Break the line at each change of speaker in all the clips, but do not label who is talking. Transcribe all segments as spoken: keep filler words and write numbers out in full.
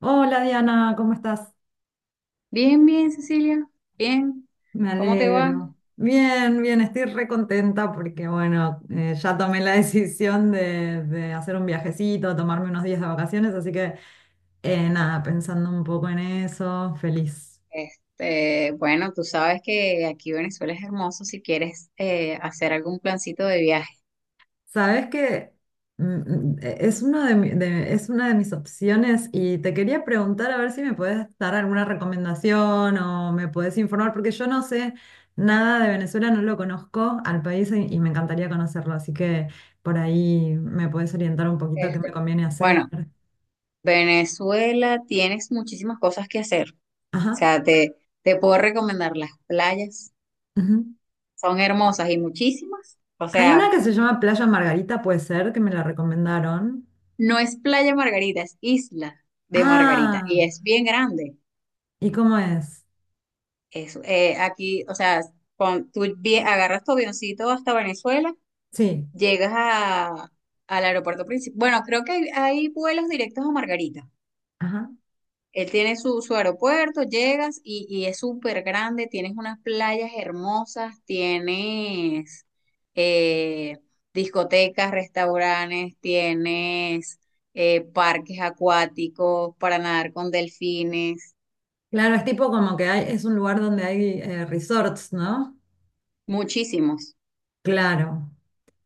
Hola Diana, ¿cómo estás?
Bien, bien, Cecilia, bien.
Me
¿Cómo te va?
alegro. Bien, bien, estoy re contenta porque bueno, eh, ya tomé la decisión de, de hacer un viajecito, tomarme unos días de vacaciones, así que eh, nada, pensando un poco en eso, feliz.
Este, bueno, tú sabes que aquí Venezuela es hermoso si quieres eh, hacer algún plancito de viaje.
Sabes que mm, eh, es una de mi- de- es una de mis opciones y te quería preguntar a ver si me puedes dar alguna recomendación o me puedes informar, porque yo no sé nada de Venezuela, no lo conozco al país y, y me encantaría conocerlo, así que por ahí me puedes orientar un poquito qué me
Este,
conviene hacer.
bueno, Venezuela tienes muchísimas cosas que hacer. O
Ajá.
sea, te, te puedo recomendar las playas.
Ujú.
Son hermosas y muchísimas. O
Hay
sea,
una que se llama Playa Margarita, puede ser, que me la recomendaron.
no es Playa Margarita, es Isla de Margarita.
Ah,
Y es bien grande.
¿y cómo es?
Es, eh, aquí, o sea, cuando tú vie- agarras tu avioncito hasta Venezuela.
Sí.
Llegas a, al aeropuerto principal. Bueno, creo que hay, hay vuelos directos a Margarita. Él tiene su, su aeropuerto, llegas y, y es súper grande, tienes unas playas hermosas, tienes eh, discotecas, restaurantes, tienes eh, parques acuáticos para nadar con delfines,
Claro, es tipo como que hay, es un lugar donde hay eh, resorts, ¿no?
muchísimos.
Claro,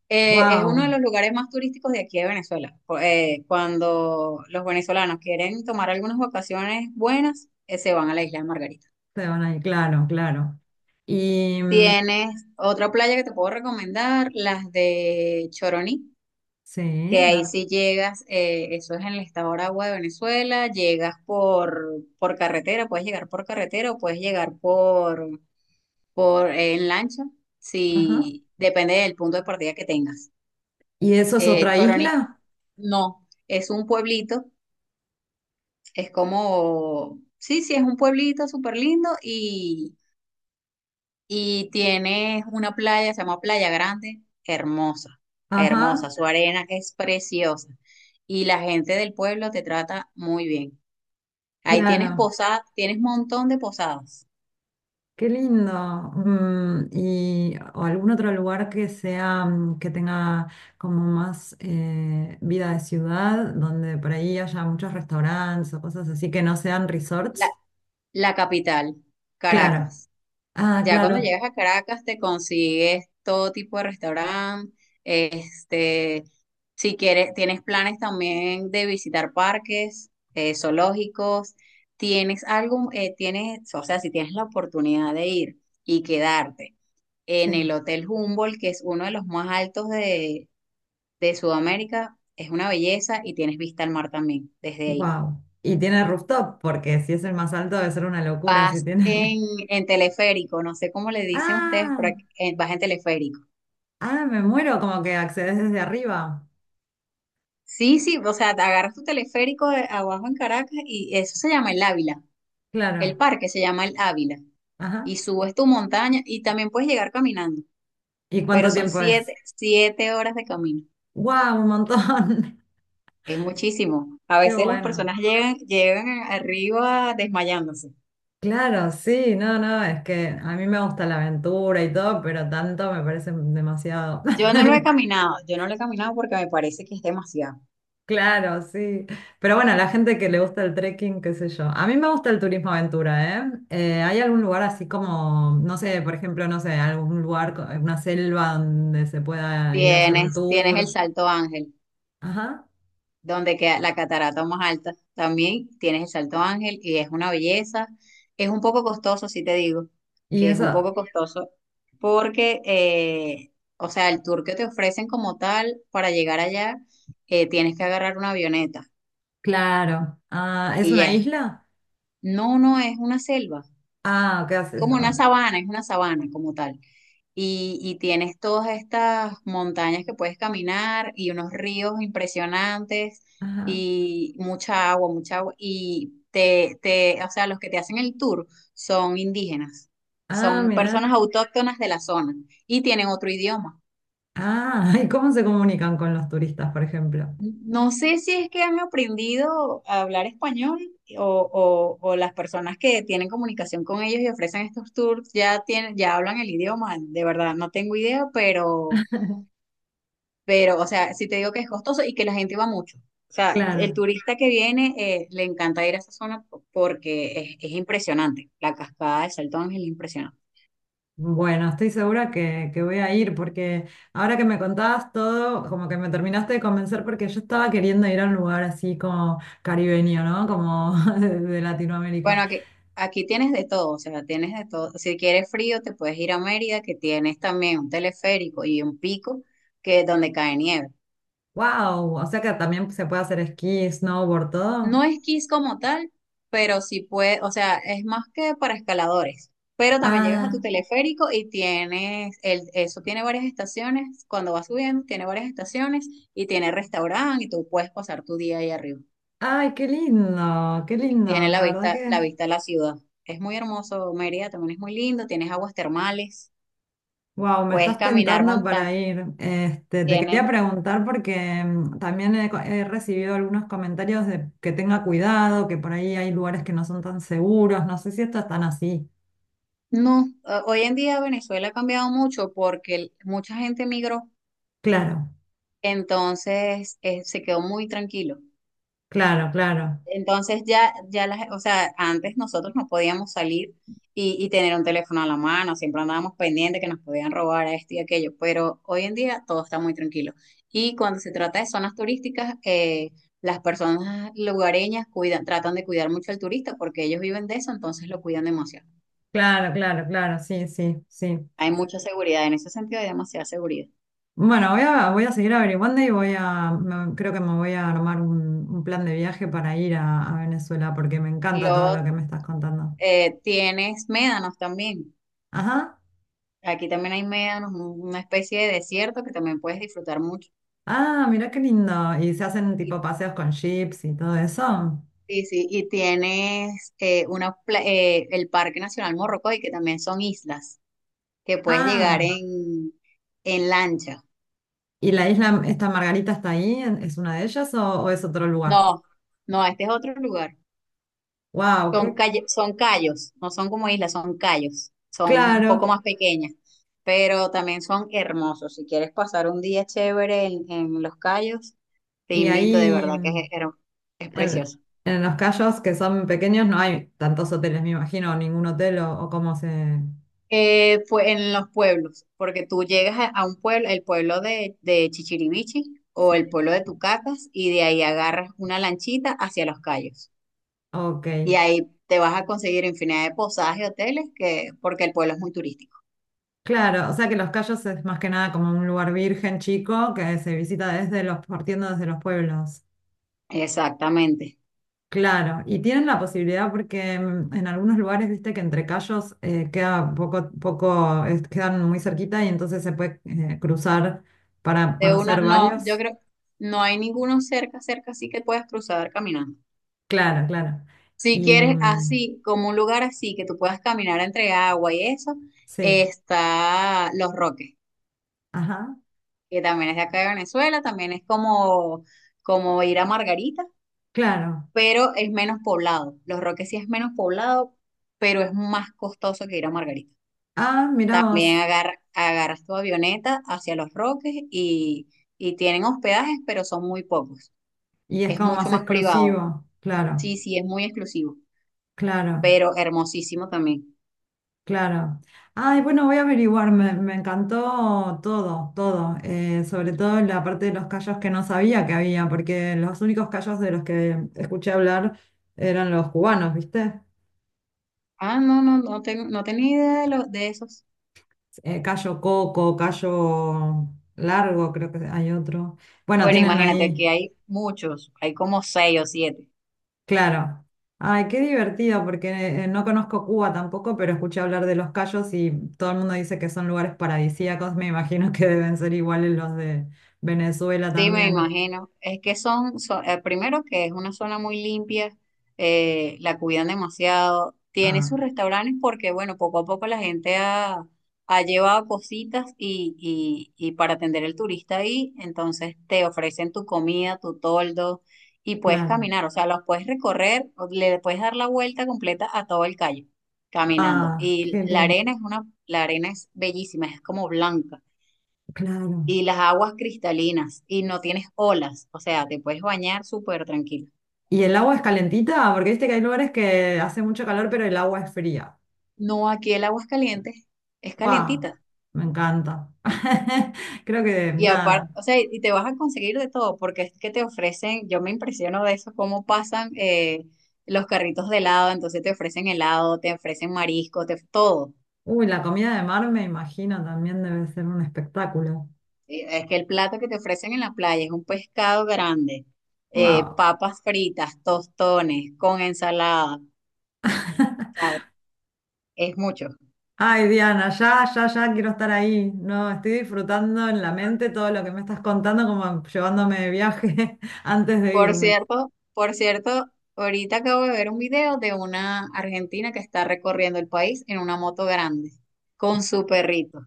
Eh, es uno de
wow,
los lugares más turísticos de aquí de Venezuela. Cu- eh, cuando los venezolanos quieren tomar algunas vacaciones buenas, eh, se van a la isla de Margarita.
se van ahí, claro, claro. Y mm,
Tienes otra playa que te puedo recomendar, las de Choroní,
sí,
que ahí
no,
sí llegas, eh, eso es en el estado Aragua de Venezuela, llegas por, por carretera, puedes llegar por carretera o puedes llegar por, por eh, en lancha,
ajá.
si depende del punto de partida que tengas.
¿Y eso es
Eh,
otra
Choroní,
isla?
no, es un pueblito. Es como, sí, sí, es un pueblito súper lindo y, y tiene una playa, se llama Playa Grande, hermosa,
Ajá,
hermosa, su arena es preciosa y la gente del pueblo te trata muy bien. Ahí tienes
claro,
posadas, tienes montón de posadas.
qué lindo. Mm, y o algún otro lugar que sea, mm, que tenga como más eh, vida de ciudad, donde por ahí haya muchos restaurantes o cosas así que no sean
La,
resorts.
la capital,
Claro,
Caracas.
ah,
Ya cuando
claro,
llegas a Caracas te consigues todo tipo de restaurante, este, si quieres, tienes planes también de visitar parques, eh, zoológicos, tienes algo, eh, tienes, o sea, si tienes la oportunidad de ir y quedarte en
sí.
el Hotel Humboldt, que es uno de los más altos de, de Sudamérica, es una belleza y tienes vista al mar también desde ahí.
Wow. Y tiene rooftop, porque si es el más alto debe ser una locura si
Vas en,
tiene.
en teleférico, no sé cómo le dicen ustedes, por
Ah,
eh, vas en teleférico.
ah, me muero, como que accedes desde arriba.
Sí, sí, o sea, te agarras tu teleférico de abajo en Caracas y eso se llama el Ávila. El
Claro.
parque se llama el Ávila.
Ajá.
Y subes tu montaña y también puedes llegar caminando,
¿Y
pero
cuánto
son
tiempo es?
siete, siete horas de camino.
Wow, un montón.
Es muchísimo. A
Qué
veces las
bueno.
personas llegan, llegan arriba desmayándose.
Claro, sí, no, no, es que a mí me gusta la aventura y todo, pero tanto me parece demasiado.
Yo no lo he caminado, yo no lo he caminado porque me parece que es demasiado.
Claro, sí. Pero bueno, la gente que le gusta el trekking, qué sé yo. A mí me gusta el turismo aventura, ¿eh? Eh, ¿hay algún lugar así como, no sé, por ejemplo, no sé, algún lugar, co- una selva donde se pueda ir a hacer un
Tienes, tienes el
tour?
Salto Ángel,
Ajá.
donde queda la catarata más alta. También tienes el Salto Ángel y es una belleza. Es un poco costoso, si te digo,
¿Y
que es un
eso?
poco costoso porque, eh, o sea, el tour que te ofrecen como tal para llegar allá, eh, tienes que agarrar una avioneta
Claro. Ah, ¿es
y ya
una
es,
isla?
no, no es una selva.
Ah, ¿qué haces?
Como una
Ah,
sabana, es una sabana como tal. Y, y tienes todas estas montañas que puedes caminar y unos ríos impresionantes
ajá.
y mucha agua, mucha agua. Y te, te, o sea, los que te hacen el tour son indígenas,
Ah,
son personas
mira.
autóctonas de la zona y tienen otro idioma.
Ah, ¿y cómo se comunican con los turistas, por ejemplo?
No sé si es que han aprendido a hablar español o, o- o las personas que tienen comunicación con ellos y ofrecen estos tours ya tienen, ya hablan el idioma. De verdad, no tengo idea, pero, pero, o sea, si te digo que es costoso y que la gente va mucho. O sea, el
Claro.
turista que viene eh, le encanta ir a esa zona porque es, es impresionante. La cascada de Salto Ángel es impresionante.
Bueno, estoy segura que, que voy a ir porque ahora que me contabas todo, como que me terminaste de convencer porque yo estaba queriendo ir a un lugar así como caribeño, ¿no? Como de, de Latinoamérica.
Bueno, aquí, aquí tienes de todo, o sea, tienes de todo. Si quieres frío, te puedes ir a Mérida, que tienes también un teleférico y un pico que donde cae nieve.
¡Wow! O sea que también se puede hacer esquí, snowboard, todo.
No esquís como tal, pero sí puede, o sea, es más que para escaladores. Pero también llegas a tu
Ah,
teleférico y tienes, el, eso tiene varias estaciones, cuando vas subiendo, tiene varias estaciones y tiene restaurante y tú puedes pasar tu día ahí arriba.
ay, qué lindo, qué
Y
lindo,
tiene la
la verdad
vista, la
que
vista a la ciudad. Es muy hermoso, Mérida también es muy lindo, tienes aguas termales.
wow, me
Puedes
estás
caminar
tentando
montaña.
para ir. Este, te quería
Tienes.
preguntar porque mm, también he, co- he recibido algunos comentarios de que tenga cuidado, que por ahí hay lugares que no son tan seguros. No sé si esto es tan así.
No, eh, hoy en día Venezuela ha cambiado mucho porque el- mucha gente migró,
Claro,
entonces eh, se quedó muy tranquilo.
claro, claro,
Entonces ya, ya las, o sea, antes nosotros no podíamos salir y, y tener un teléfono a la mano, siempre andábamos pendientes que nos podían robar a esto y aquello, pero hoy en día todo está muy tranquilo. Y cuando se trata de zonas turísticas, eh, las personas lugareñas cuidan, tratan de cuidar mucho al turista porque ellos viven de eso, entonces lo cuidan demasiado.
claro, claro, claro, sí, sí, sí.
Hay mucha seguridad, en ese sentido hay demasiada seguridad.
Bueno, voy a, voy a seguir averiguando y voy a, me- creo que me voy a armar un, un plan de viaje para ir a, a Venezuela porque me encanta todo lo
Luego
que me estás contando.
eh, tienes médanos también.
Ajá.
Aquí también hay médanos, un- una especie de desierto que también puedes disfrutar mucho.
Ah, mirá qué lindo. ¿Y se hacen
Y,
tipo paseos con jeeps y todo eso?
y sí, y tienes eh, una, pla- eh, el Parque Nacional Morrocoy, que también son islas, que puedes llegar
Ah,
en, en lancha.
¿y la isla, esta Margarita está ahí? ¿En- ¿Es una de ellas o, o es otro lugar?
No, no, este es otro lugar.
Wow,
Son,
qué
calle- son callos, no son como islas, son callos, son un poco
claro.
más pequeñas, pero también son hermosos. Si quieres pasar un día chévere en, en los callos, te
Y
invito, de
ahí
verdad que
mm,
es, her- es
en,
precioso.
en los cayos que son pequeños no hay tantos hoteles, me imagino, ningún hotel o, o cómo se...
Eh, fue en los pueblos, porque tú llegas a, a un pueblo, el pueblo de, de Chichiribichi o el
Sí.
pueblo de Tucacas, y de ahí agarras una lanchita hacia los callos.
Ok,
Y ahí te vas a conseguir infinidad de posadas y hoteles, que, porque el pueblo es muy turístico.
claro, o sea que los cayos es más que nada como un lugar virgen chico que se visita desde los, partiendo desde los pueblos.
Exactamente.
Claro, y tienen la posibilidad porque mm, en algunos lugares, viste que entre callos eh, queda poco, poco, es- quedan muy cerquita y entonces se puede eh, cruzar para
De una,
conocer
no, yo
varios.
creo, no hay ninguno cerca, cerca, así que puedas cruzar caminando.
Claro, claro.
Si
Y
quieres
mm,
así, como un lugar así, que tú puedas caminar entre agua y eso,
sí,
está Los Roques,
ajá,
que también es de acá de Venezuela, también es como, como ir a Margarita,
claro.
pero es menos poblado. Los Roques sí es menos poblado, pero es más costoso que ir a Margarita.
Ah, mirá
También
vos.
agar- agarras tu avioneta hacia Los Roques y, y tienen hospedajes, pero son muy pocos.
Y es
Es
como
mucho
más
más privado.
exclusivo, claro,
Sí, sí, es muy exclusivo,
claro.
pero hermosísimo también.
Claro. Ay, bueno, voy a averiguar, me, me encantó todo, todo, eh, sobre todo la parte de los callos que no sabía que había, porque los únicos callos de los que escuché hablar eran los cubanos, ¿viste?
Ah, no, no, no, tengo, no tenía idea de, lo- de esos.
Eh, callo coco, callo largo, creo que hay otro. Bueno,
Bueno,
tienen
imagínate,
ahí,
aquí hay muchos, hay como seis o siete.
claro. Ay, qué divertido, porque eh, no conozco Cuba tampoco, pero escuché hablar de los callos y todo el mundo dice que son lugares paradisíacos, me imagino que deben ser iguales los de Venezuela
Sí, me
también.
imagino. Es que son, son- eh, primero que es una zona muy limpia, eh, la cuidan demasiado. Tiene
Ah,
sus restaurantes porque, bueno, poco a poco la gente ha, ha llevado cositas y, y, y para atender al turista ahí, entonces te ofrecen tu comida, tu toldo y puedes
claro.
caminar, o sea, los puedes recorrer, o le puedes dar la vuelta completa a todo el calle caminando.
Ah,
Y
qué
la
lindo.
arena es una, la arena es bellísima, es como blanca
Claro.
y las aguas cristalinas y no tienes olas, o sea, te puedes bañar súper tranquilo.
¿Y el agua es calentita? Porque viste que hay lugares que hace mucho calor, pero el agua es fría.
No, aquí el agua es caliente, es
¡Wow!
calientita.
Me encanta. Creo que
Y
nada.
aparte, o sea, y te vas a conseguir de todo, porque es que te ofrecen, yo me impresiono de eso, cómo pasan eh, los carritos de helado, entonces te ofrecen helado, te ofrecen marisco, te, todo.
Uy, la comida de mar me imagino también debe ser un espectáculo.
Eh, Es que el plato que te ofrecen en la playa es un pescado grande, eh,
¡Wow!
papas fritas, tostones, con ensalada, o sea, es mucho.
Ay, Diana, ya, ya, ya quiero estar ahí. No, estoy disfrutando en la mente todo lo que me estás contando, como llevándome de viaje antes de
Por
irme.
cierto, por cierto, ahorita acabo de ver un video de una argentina que está recorriendo el país en una moto grande con su perrito.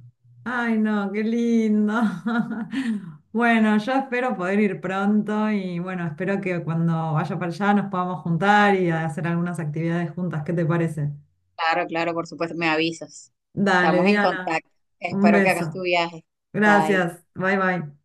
Ay, no, qué lindo. Bueno, yo espero poder ir pronto y bueno, espero que cuando vaya para allá nos podamos juntar y hacer algunas actividades juntas. ¿Qué te parece?
Claro, claro, por supuesto, me avisas.
Dale,
Estamos en
Diana,
contacto.
un
Espero que hagas tu
beso.
viaje. Bye.
Gracias. Bye, bye.